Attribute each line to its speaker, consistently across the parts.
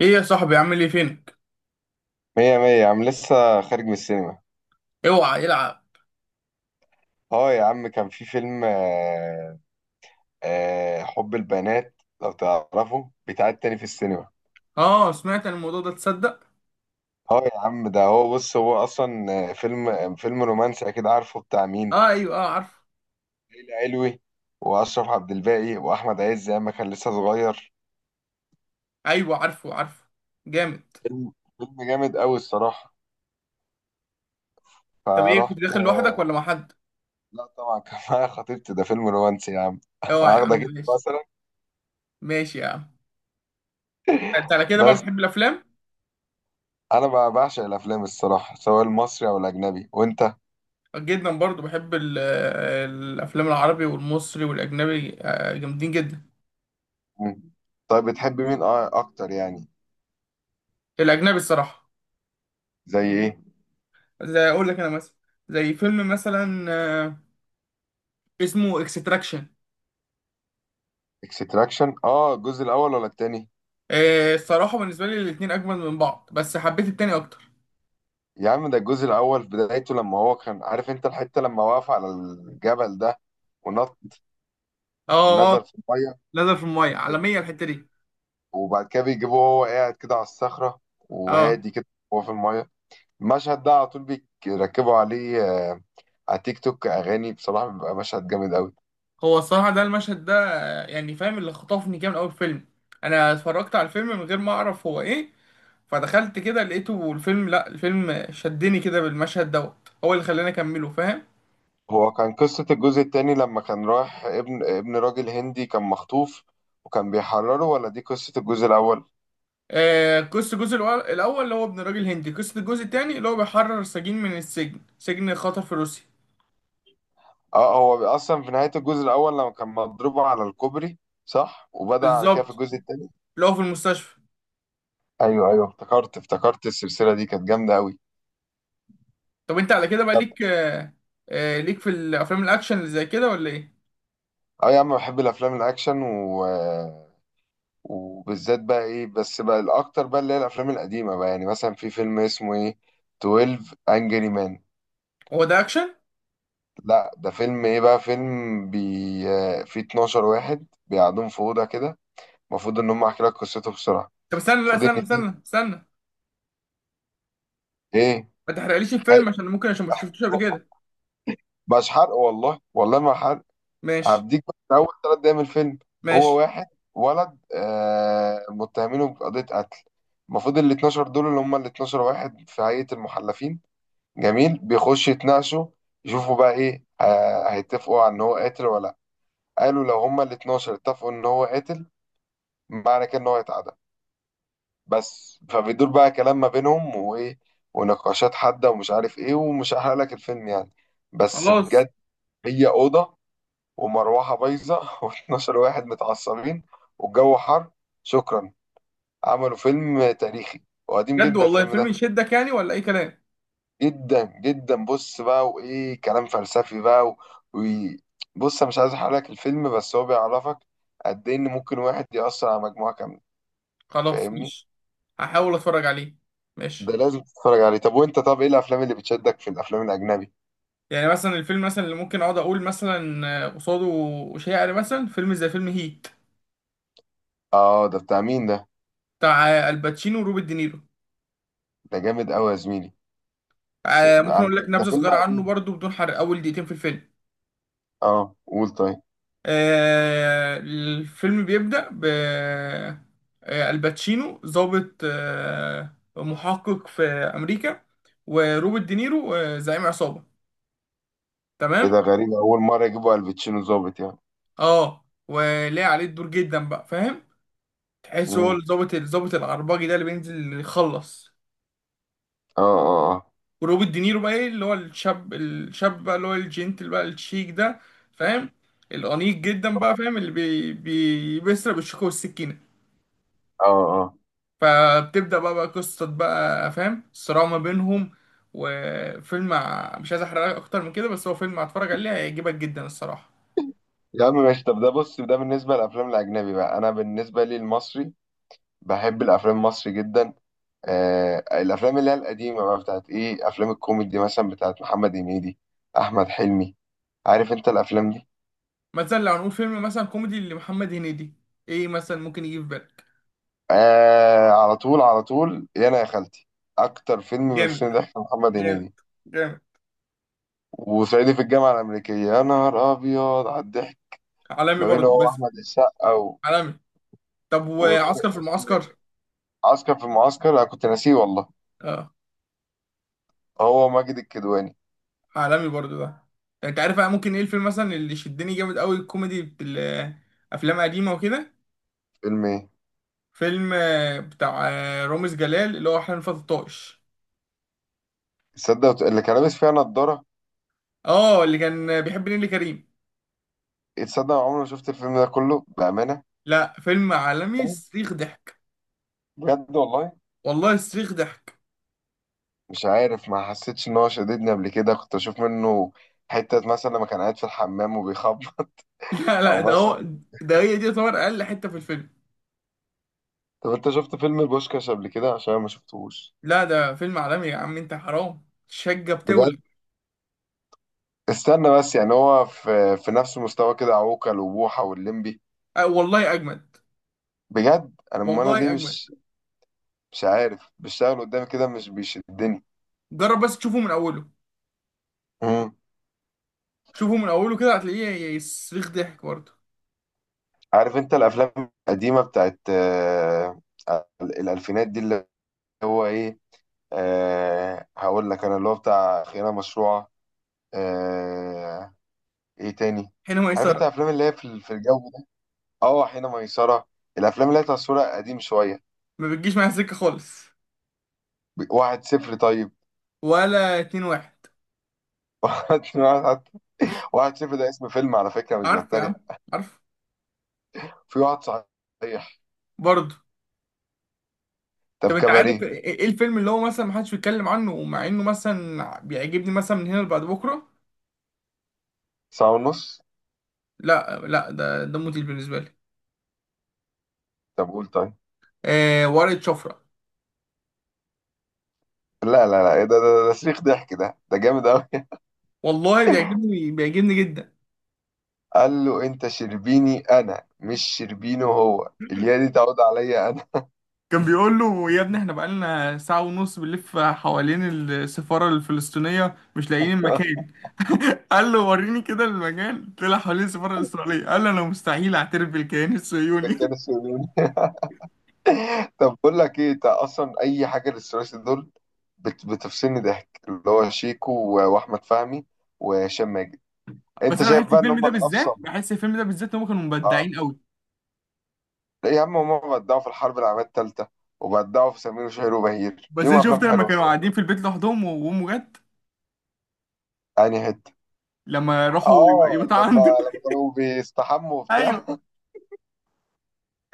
Speaker 1: ايه يا صاحبي، عامل ايه، فينك؟
Speaker 2: مية مية يا عم، لسه خارج من السينما.
Speaker 1: اوعى العب.
Speaker 2: اه يا عم، كان في فيلم حب البنات، لو تعرفه بيتعاد تاني في السينما.
Speaker 1: اه، سمعت عن الموضوع ده، تصدق؟
Speaker 2: اه يا عم، ده هو، بص، هو اصلا فيلم رومانسي، اكيد عارفه بتاع مين.
Speaker 1: اه ايوه، اه عارفه.
Speaker 2: ليلى علوي واشرف عبد الباقي واحمد عز ايام ما كان لسه صغير.
Speaker 1: ايوه عارفه عارفه. جامد.
Speaker 2: فيلم فيلم جامد قوي الصراحة.
Speaker 1: طب ايه، كنت
Speaker 2: فرحت.
Speaker 1: داخل لوحدك ولا مع حد؟
Speaker 2: لا طبعا كان معايا خطيبتي، ده فيلم رومانسي يا عم
Speaker 1: اوعى يا عم،
Speaker 2: واخدك انت
Speaker 1: ماشي.
Speaker 2: مثلا.
Speaker 1: ماشي يا عم. انت على كده بقى
Speaker 2: بس
Speaker 1: بتحب الافلام؟
Speaker 2: انا بعشق الافلام الصراحة، سواء المصري او الاجنبي، وانت؟
Speaker 1: جدا برضو بحب الافلام العربي والمصري والاجنبي جامدين جدا.
Speaker 2: مم. طيب، بتحب مين اكتر يعني؟
Speaker 1: الاجنبي الصراحه.
Speaker 2: زي ايه؟
Speaker 1: زي اقول لك انا مثلا. زي فيلم مثلا اسمه اكستراكشن.
Speaker 2: اكستراكشن؟ اه، الجزء الاول ولا التاني؟
Speaker 1: الصراحه بالنسبه لي الاتنين اجمل من بعض، بس حبيت التاني اكتر.
Speaker 2: يا عم، ده الجزء الاول في بدايته، لما هو كان عارف انت الحته لما وقف على الجبل ده ونط،
Speaker 1: اه،
Speaker 2: نزل في الميه.
Speaker 1: نزل في الميه، عالميه الحته دي.
Speaker 2: وبعد كده بيجيبوه وهو قاعد كده على الصخره،
Speaker 1: اه
Speaker 2: وهادي كده وهو في الميه. المشهد ده على طول بيركبوا عليه آه، على تيك توك اغاني، بصراحه بيبقى مشهد جامد قوي.
Speaker 1: هو الصراحه ده المشهد ده يعني فاهم اللي خطفني كده من اول فيلم. انا اتفرجت على الفيلم من غير ما اعرف هو ايه. فدخلت كده لقيته الفيلم، لا الفيلم شدني كده بالمشهد دوت، هو اللي خلاني اكمله فاهم.
Speaker 2: هو كان قصة الجزء التاني لما كان رايح ابن راجل هندي كان مخطوف وكان بيحرره، ولا دي قصة الجزء الأول؟
Speaker 1: آه، قصة الجزء الأول، الأول اللي هو ابن راجل هندي. قصة الجزء التاني اللي هو بيحرر سجين من السجن، سجن خطر في روسيا.
Speaker 2: اه، هو أصلا في نهاية الجزء الأول لما كان مضروب على الكوبري، صح؟ وبدأ على كده في
Speaker 1: بالظبط.
Speaker 2: الجزء التاني؟
Speaker 1: اللي هو في المستشفى.
Speaker 2: أيوه أيوه، افتكرت افتكرت، السلسلة دي كانت جامدة أوي.
Speaker 1: طب انت على كده بقى
Speaker 2: طب
Speaker 1: ليك. ليك في الأفلام الأكشن اللي زي كده ولا ايه؟
Speaker 2: اه يا عم، بحب الأفلام الأكشن وبالذات بقى إيه، بس بقى الأكتر بقى اللي هي الأفلام القديمة بقى، يعني مثلا في فيلم اسمه إيه، 12 أنجري مان.
Speaker 1: هو ده أكشن؟
Speaker 2: لا، ده فيلم ايه بقى، فيلم بي آه، فيه 12 واحد بيقعدون في اوضه كده، المفروض ان هم، احكي لك قصته بسرعه.
Speaker 1: طب استنى، لا
Speaker 2: المفروض ان
Speaker 1: استنى استنى
Speaker 2: فيه
Speaker 1: استنى.
Speaker 2: ايه،
Speaker 1: ما تحرقليش
Speaker 2: ح-
Speaker 1: الفيلم عشان ممكن، عشان ما شفتوش قبل كده.
Speaker 2: مش حرق، والله والله ما حرق،
Speaker 1: ماشي.
Speaker 2: هديك بس اول ثلاث دقايق من الفيلم. هو
Speaker 1: ماشي.
Speaker 2: واحد، ولد متهمينه بقضيه قتل، المفروض ال 12 دول اللي هم ال 12 واحد في هيئه المحلفين، جميل، بيخشوا يتناقشوا يشوفوا بقى ايه، هيتفقوا على ان هو قاتل ولا لا. قالوا لو هم ال 12 اتفقوا ان هو قاتل، معنى كده ان هو هيتعدم. بس فبيدور بقى كلام ما بينهم وايه، ونقاشات حادة ومش عارف ايه، ومش هحرق لك الفيلم يعني، بس
Speaker 1: خلاص.
Speaker 2: بجد. هي أوضة ومروحة بايظة و12 واحد متعصبين والجو حر. شكرا. عملوا فيلم تاريخي، وقديم
Speaker 1: بجد
Speaker 2: جدا
Speaker 1: والله،
Speaker 2: الفيلم
Speaker 1: الفيلم
Speaker 2: ده.
Speaker 1: يشدك يعني ولا اي كلام؟
Speaker 2: جدا جدا، بص بقى، وايه، كلام فلسفي بقى و... بص، انا مش عايز احرق لك الفيلم، بس هو بيعرفك قد ايه ان ممكن واحد يأثر على مجموعة كاملة.
Speaker 1: خلاص،
Speaker 2: فاهمني؟
Speaker 1: ماشي. هحاول اتفرج عليه.
Speaker 2: ده
Speaker 1: ماشي.
Speaker 2: لازم تتفرج عليه. طب وانت، طب ايه الافلام اللي بتشدك في الافلام الاجنبي؟
Speaker 1: يعني مثلا الفيلم مثلا اللي ممكن اقعد اقول مثلا قصاده شاعر، مثلا فيلم زي فيلم هيت.
Speaker 2: اه، ده بتاع مين ده؟
Speaker 1: بتاع الباتشينو وروبرت دينيرو.
Speaker 2: ده جامد قوي يا زميلي.
Speaker 1: ممكن اقول لك
Speaker 2: ده
Speaker 1: نبذه
Speaker 2: فيلم
Speaker 1: صغيره عنه
Speaker 2: قديم.
Speaker 1: برضو بدون حرق، اول دقيقتين في الفيلم.
Speaker 2: اه، قول طيب.
Speaker 1: الفيلم بيبدأ ب. الباتشينو ضابط محقق في أمريكا. وروبرت دينيرو زعيم عصابة.
Speaker 2: ايه
Speaker 1: تمام.
Speaker 2: ده، غريب اول مره يجيبوا الباتشينو ظابط يعني.
Speaker 1: اه، ولاقي عليه الدور جدا بقى، فاهم؟ تحس هو
Speaker 2: امم،
Speaker 1: الضابط الضابط العرباجي ده اللي بينزل يخلص.
Speaker 2: اه، اه،
Speaker 1: وروبرت دينيرو بقى ايه، اللي هو الشاب الشاب بقى، اللي هو الجنتل بقى، الشيك ده. فاهم؟ الأنيق جدا بقى، فاهم اللي بي بي بيسرق بالشوكة والسكينة.
Speaker 2: اه، اه. اه
Speaker 1: فبتبدأ بقى قصة، بقى فاهم الصراع ما بينهم. مش عايز احرق اكتر من كده، بس هو فيلم هتفرج عليه هيعجبك جدا الصراحة.
Speaker 2: يا عم ماشي. طب، ده بص، ده بالنسبه للافلام الاجنبي. بقى انا بالنسبه لي المصري، بحب الافلام المصري جدا. آه، الافلام اللي هي القديمه بقى بتاعت ايه، افلام الكوميدي مثلا بتاعت محمد هنيدي، احمد حلمي، عارف انت الافلام دي؟
Speaker 1: مثلا لو هنقول فيلم مثلا كوميدي لمحمد هنيدي، ايه مثلا ممكن يجي في بالك؟
Speaker 2: آه، على طول على طول، يا انا يا خالتي. اكتر فيلم
Speaker 1: جامد،
Speaker 2: بيفصلني ضحك محمد
Speaker 1: جامد،
Speaker 2: هنيدي،
Speaker 1: جامد.
Speaker 2: وصعيدي في الجامعه الامريكيه، يا نهار ابيض على الضحك.
Speaker 1: عالمي
Speaker 2: ما بينه
Speaker 1: برضو
Speaker 2: هو
Speaker 1: بس.
Speaker 2: احمد السقا
Speaker 1: عالمي. طب
Speaker 2: وطارق،
Speaker 1: وعسكر في
Speaker 2: اسمه ايه،
Speaker 1: المعسكر؟
Speaker 2: عسكر في المعسكر، انا كنت ناسيه والله.
Speaker 1: اه،
Speaker 2: هو ماجد الكدواني.
Speaker 1: عالمي برضو ده. انت عارف بقى ممكن ايه الفيلم مثلا اللي شدني جامد قوي، الكوميدي بتاع افلام قديمة وكده؟
Speaker 2: فيلم ايه؟
Speaker 1: فيلم بتاع رامز جلال، اللي هو احلام فتى الطائش.
Speaker 2: تصدق اللي كان لابس فيها نضاره،
Speaker 1: اه، اللي كان بيحب نيللي كريم.
Speaker 2: تصدق أنا عمري ما شفت الفيلم ده كله بامانه.
Speaker 1: لا، فيلم عالمي، صريخ ضحك.
Speaker 2: بجد والله،
Speaker 1: والله صريخ ضحك.
Speaker 2: مش عارف، ما حسيتش ان هو شددني قبل كده، كنت اشوف منه حتة مثلا لما كان قاعد في الحمام وبيخبط،
Speaker 1: لا
Speaker 2: او
Speaker 1: لا، ده هو.
Speaker 2: مثلا.
Speaker 1: ده هي دي تعتبر اقل حته في الفيلم.
Speaker 2: طب انت شفت فيلم البوشكاش قبل كده؟ عشان أنا ما شفتهوش.
Speaker 1: لا ده فيلم عالمي يا عم، انت حرام، شقه بتولع.
Speaker 2: بجد، استنى بس، يعني هو في نفس مستوى كده عوكل وبوحة واللمبي؟
Speaker 1: أه والله اجمد.
Speaker 2: بجد. انا أمال انا ليه
Speaker 1: والله اجمد.
Speaker 2: مش، مش عارف، بيشتغل قدامي كده، مش بيشدني.
Speaker 1: جرب بس تشوفه من اوله.
Speaker 2: امم.
Speaker 1: شوفه من اوله كده هتلاقيه صريخ ضحك برضه.
Speaker 2: عارف انت الافلام القديمه بتاعت الالفينات دي، اللي هو ايه، آه هقول لك، انا اللي هو بتاع خيانه مشروعه. آه، ايه تاني،
Speaker 1: حين
Speaker 2: عارف انت
Speaker 1: ميسره.
Speaker 2: الافلام اللي هي في الجو ده، اه حين ميسره، الافلام اللي هي تصويرها قديم شويه.
Speaker 1: ما بتجيش معايا سكه خالص.
Speaker 2: واحد صفر طيب.
Speaker 1: ولا اتنين واحد؟
Speaker 2: واحد. واحد صفر ده اسم فيلم على فكرة، مش
Speaker 1: عارف يا
Speaker 2: بتريق.
Speaker 1: عم. عارف.
Speaker 2: في واحد صحيح.
Speaker 1: برضه.
Speaker 2: طب
Speaker 1: طب انت عارف
Speaker 2: كباريه.
Speaker 1: ايه، ايه الفيلم اللي هو مثلا محدش بيتكلم عنه ومع انه مثلا بيعجبني، مثلا من هنا لبعد بكره؟
Speaker 2: ساعة ونص.
Speaker 1: لا لا، ده موديل بالنسبه لي.
Speaker 2: طب قول طيب.
Speaker 1: آه، ورقة شفرة.
Speaker 2: لا لا لا، إيه ده صريخ ضحك، ده جامد أوي.
Speaker 1: والله بيعجبني جدا.
Speaker 2: قال له أنت شربيني، أنا مش شربينه، هو اليا دي تعود عليا أنا.
Speaker 1: كان بيقول له: يا ابني، احنا بقالنا ساعة ونص بنلف حوالين السفارة الفلسطينية، مش لاقيين المكان. قال له: وريني كده المكان. طلع حوالين السفارة الإسرائيلية، قال له: أنا مستحيل أعترف بالكيان
Speaker 2: ده
Speaker 1: الصهيوني.
Speaker 2: كانوا يقولوني. طب بقول لك إيه، أنت أصلا أي حاجة للثلاثي دول بتفصلني ضحك، اللي هو شيكو، و- وأحمد فهمي وهشام ماجد.
Speaker 1: بس
Speaker 2: أنت
Speaker 1: أنا
Speaker 2: شايف
Speaker 1: بحس
Speaker 2: بقى إن
Speaker 1: الفيلم
Speaker 2: هم
Speaker 1: ده بالذات،
Speaker 2: الأفصل؟
Speaker 1: بحس الفيلم ده بالذات، إن هم كانوا
Speaker 2: آه.
Speaker 1: مبدعين أوي.
Speaker 2: يا عم، هما بدعوا في الحرب العالمية التالتة، وبدعوا في سمير وشهير وبهير،
Speaker 1: بس
Speaker 2: ليهم
Speaker 1: انا
Speaker 2: أفلام
Speaker 1: شفت لما
Speaker 2: حلوة
Speaker 1: كانوا
Speaker 2: الصراحة.
Speaker 1: قاعدين في البيت لوحدهم وامه جت.
Speaker 2: يعني حتة،
Speaker 1: لما راحوا
Speaker 2: اه،
Speaker 1: يبقوا
Speaker 2: لما
Speaker 1: عنده.
Speaker 2: لما كانوا بيستحموا وبتاع.
Speaker 1: ايوه.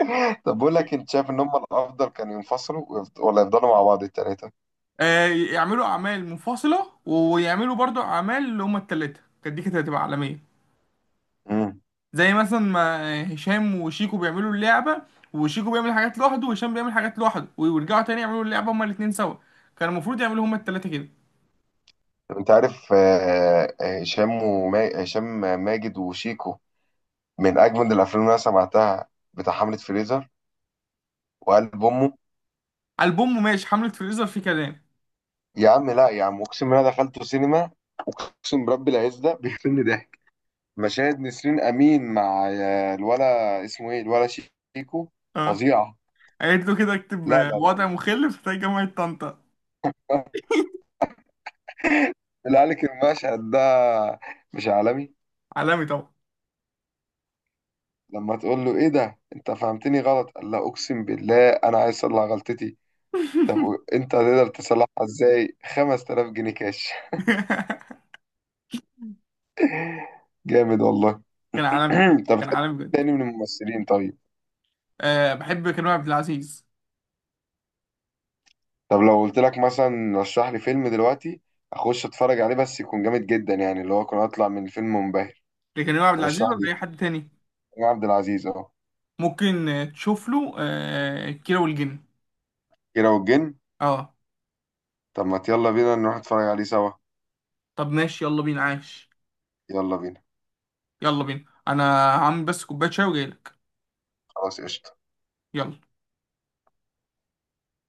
Speaker 2: طب بقول لك، انت شايف ان هم الافضل كانوا ينفصلوا ولا يفضلوا مع بعض التلاتة؟
Speaker 1: آه. يعملوا اعمال منفصله ويعملوا برضو اعمال اللي هما التلاته، كانت دي كانت هتبقى عالميه.
Speaker 2: امم.
Speaker 1: زي مثلا ما هشام وشيكو بيعملوا اللعبه. وشيكو بيعمل حاجات لوحده، وهشام بيعمل حاجات لوحده، ويرجعوا تاني يعملوا اللعبه هما الاتنين سوا. كان المفروض يعملوا هما التلاته كده.
Speaker 2: طب انت عارف هشام ماجد وشيكو من اجمد الافلام اللي انا سمعتها، بتاع حملة فريزر وقلب امه.
Speaker 1: البوم ماشي، حمله فريزر في كلام.
Speaker 2: يا عم لا يا عم، اقسم بالله دخلت سينما، اقسم برب العز ده بيقتلني ضحك. مشاهد نسرين امين مع الولا اسمه ايه، الولا، شيكو،
Speaker 1: اه،
Speaker 2: فظيعه.
Speaker 1: قالت له كده: اكتب
Speaker 2: لا لا
Speaker 1: وضع مخل في جامعه طنطا.
Speaker 2: لا. اللي قالك المشهد ده مش عالمي؟
Speaker 1: عالمي طبعا.
Speaker 2: لما تقول له ايه ده انت فهمتني غلط، قال لا اقسم بالله انا عايز اصلح غلطتي. طب انت هتقدر تصلحها ازاي، 5000 جنيه كاش. جامد والله.
Speaker 1: كان عالمي.
Speaker 2: انت بتحب
Speaker 1: كان عالمي
Speaker 2: مين
Speaker 1: بجد.
Speaker 2: تاني من الممثلين طيب؟
Speaker 1: أه، بحب كريم عبد العزيز.
Speaker 2: طب لو قلت لك مثلا رشح لي فيلم دلوقتي اخش اتفرج عليه، بس يكون جامد جدا، يعني اللي هو اكون اطلع من الفيلم منبهر،
Speaker 1: لكريم عبد العزيز
Speaker 2: ترشح
Speaker 1: ولا أي
Speaker 2: لي؟
Speaker 1: حد تاني؟
Speaker 2: كريم عبد العزيز اهو.
Speaker 1: ممكن تشوف له كيرة والجن.
Speaker 2: كيرة والجن.
Speaker 1: اه.
Speaker 2: طب ما يلا بينا نروح نتفرج عليه سوا.
Speaker 1: طب ماشي، يلا بينا، عاش.
Speaker 2: يلا بينا.
Speaker 1: يلا بينا أنا. هعمل بس كوباية شاي وجايلك.
Speaker 2: خلاص، قشطة.
Speaker 1: يلا.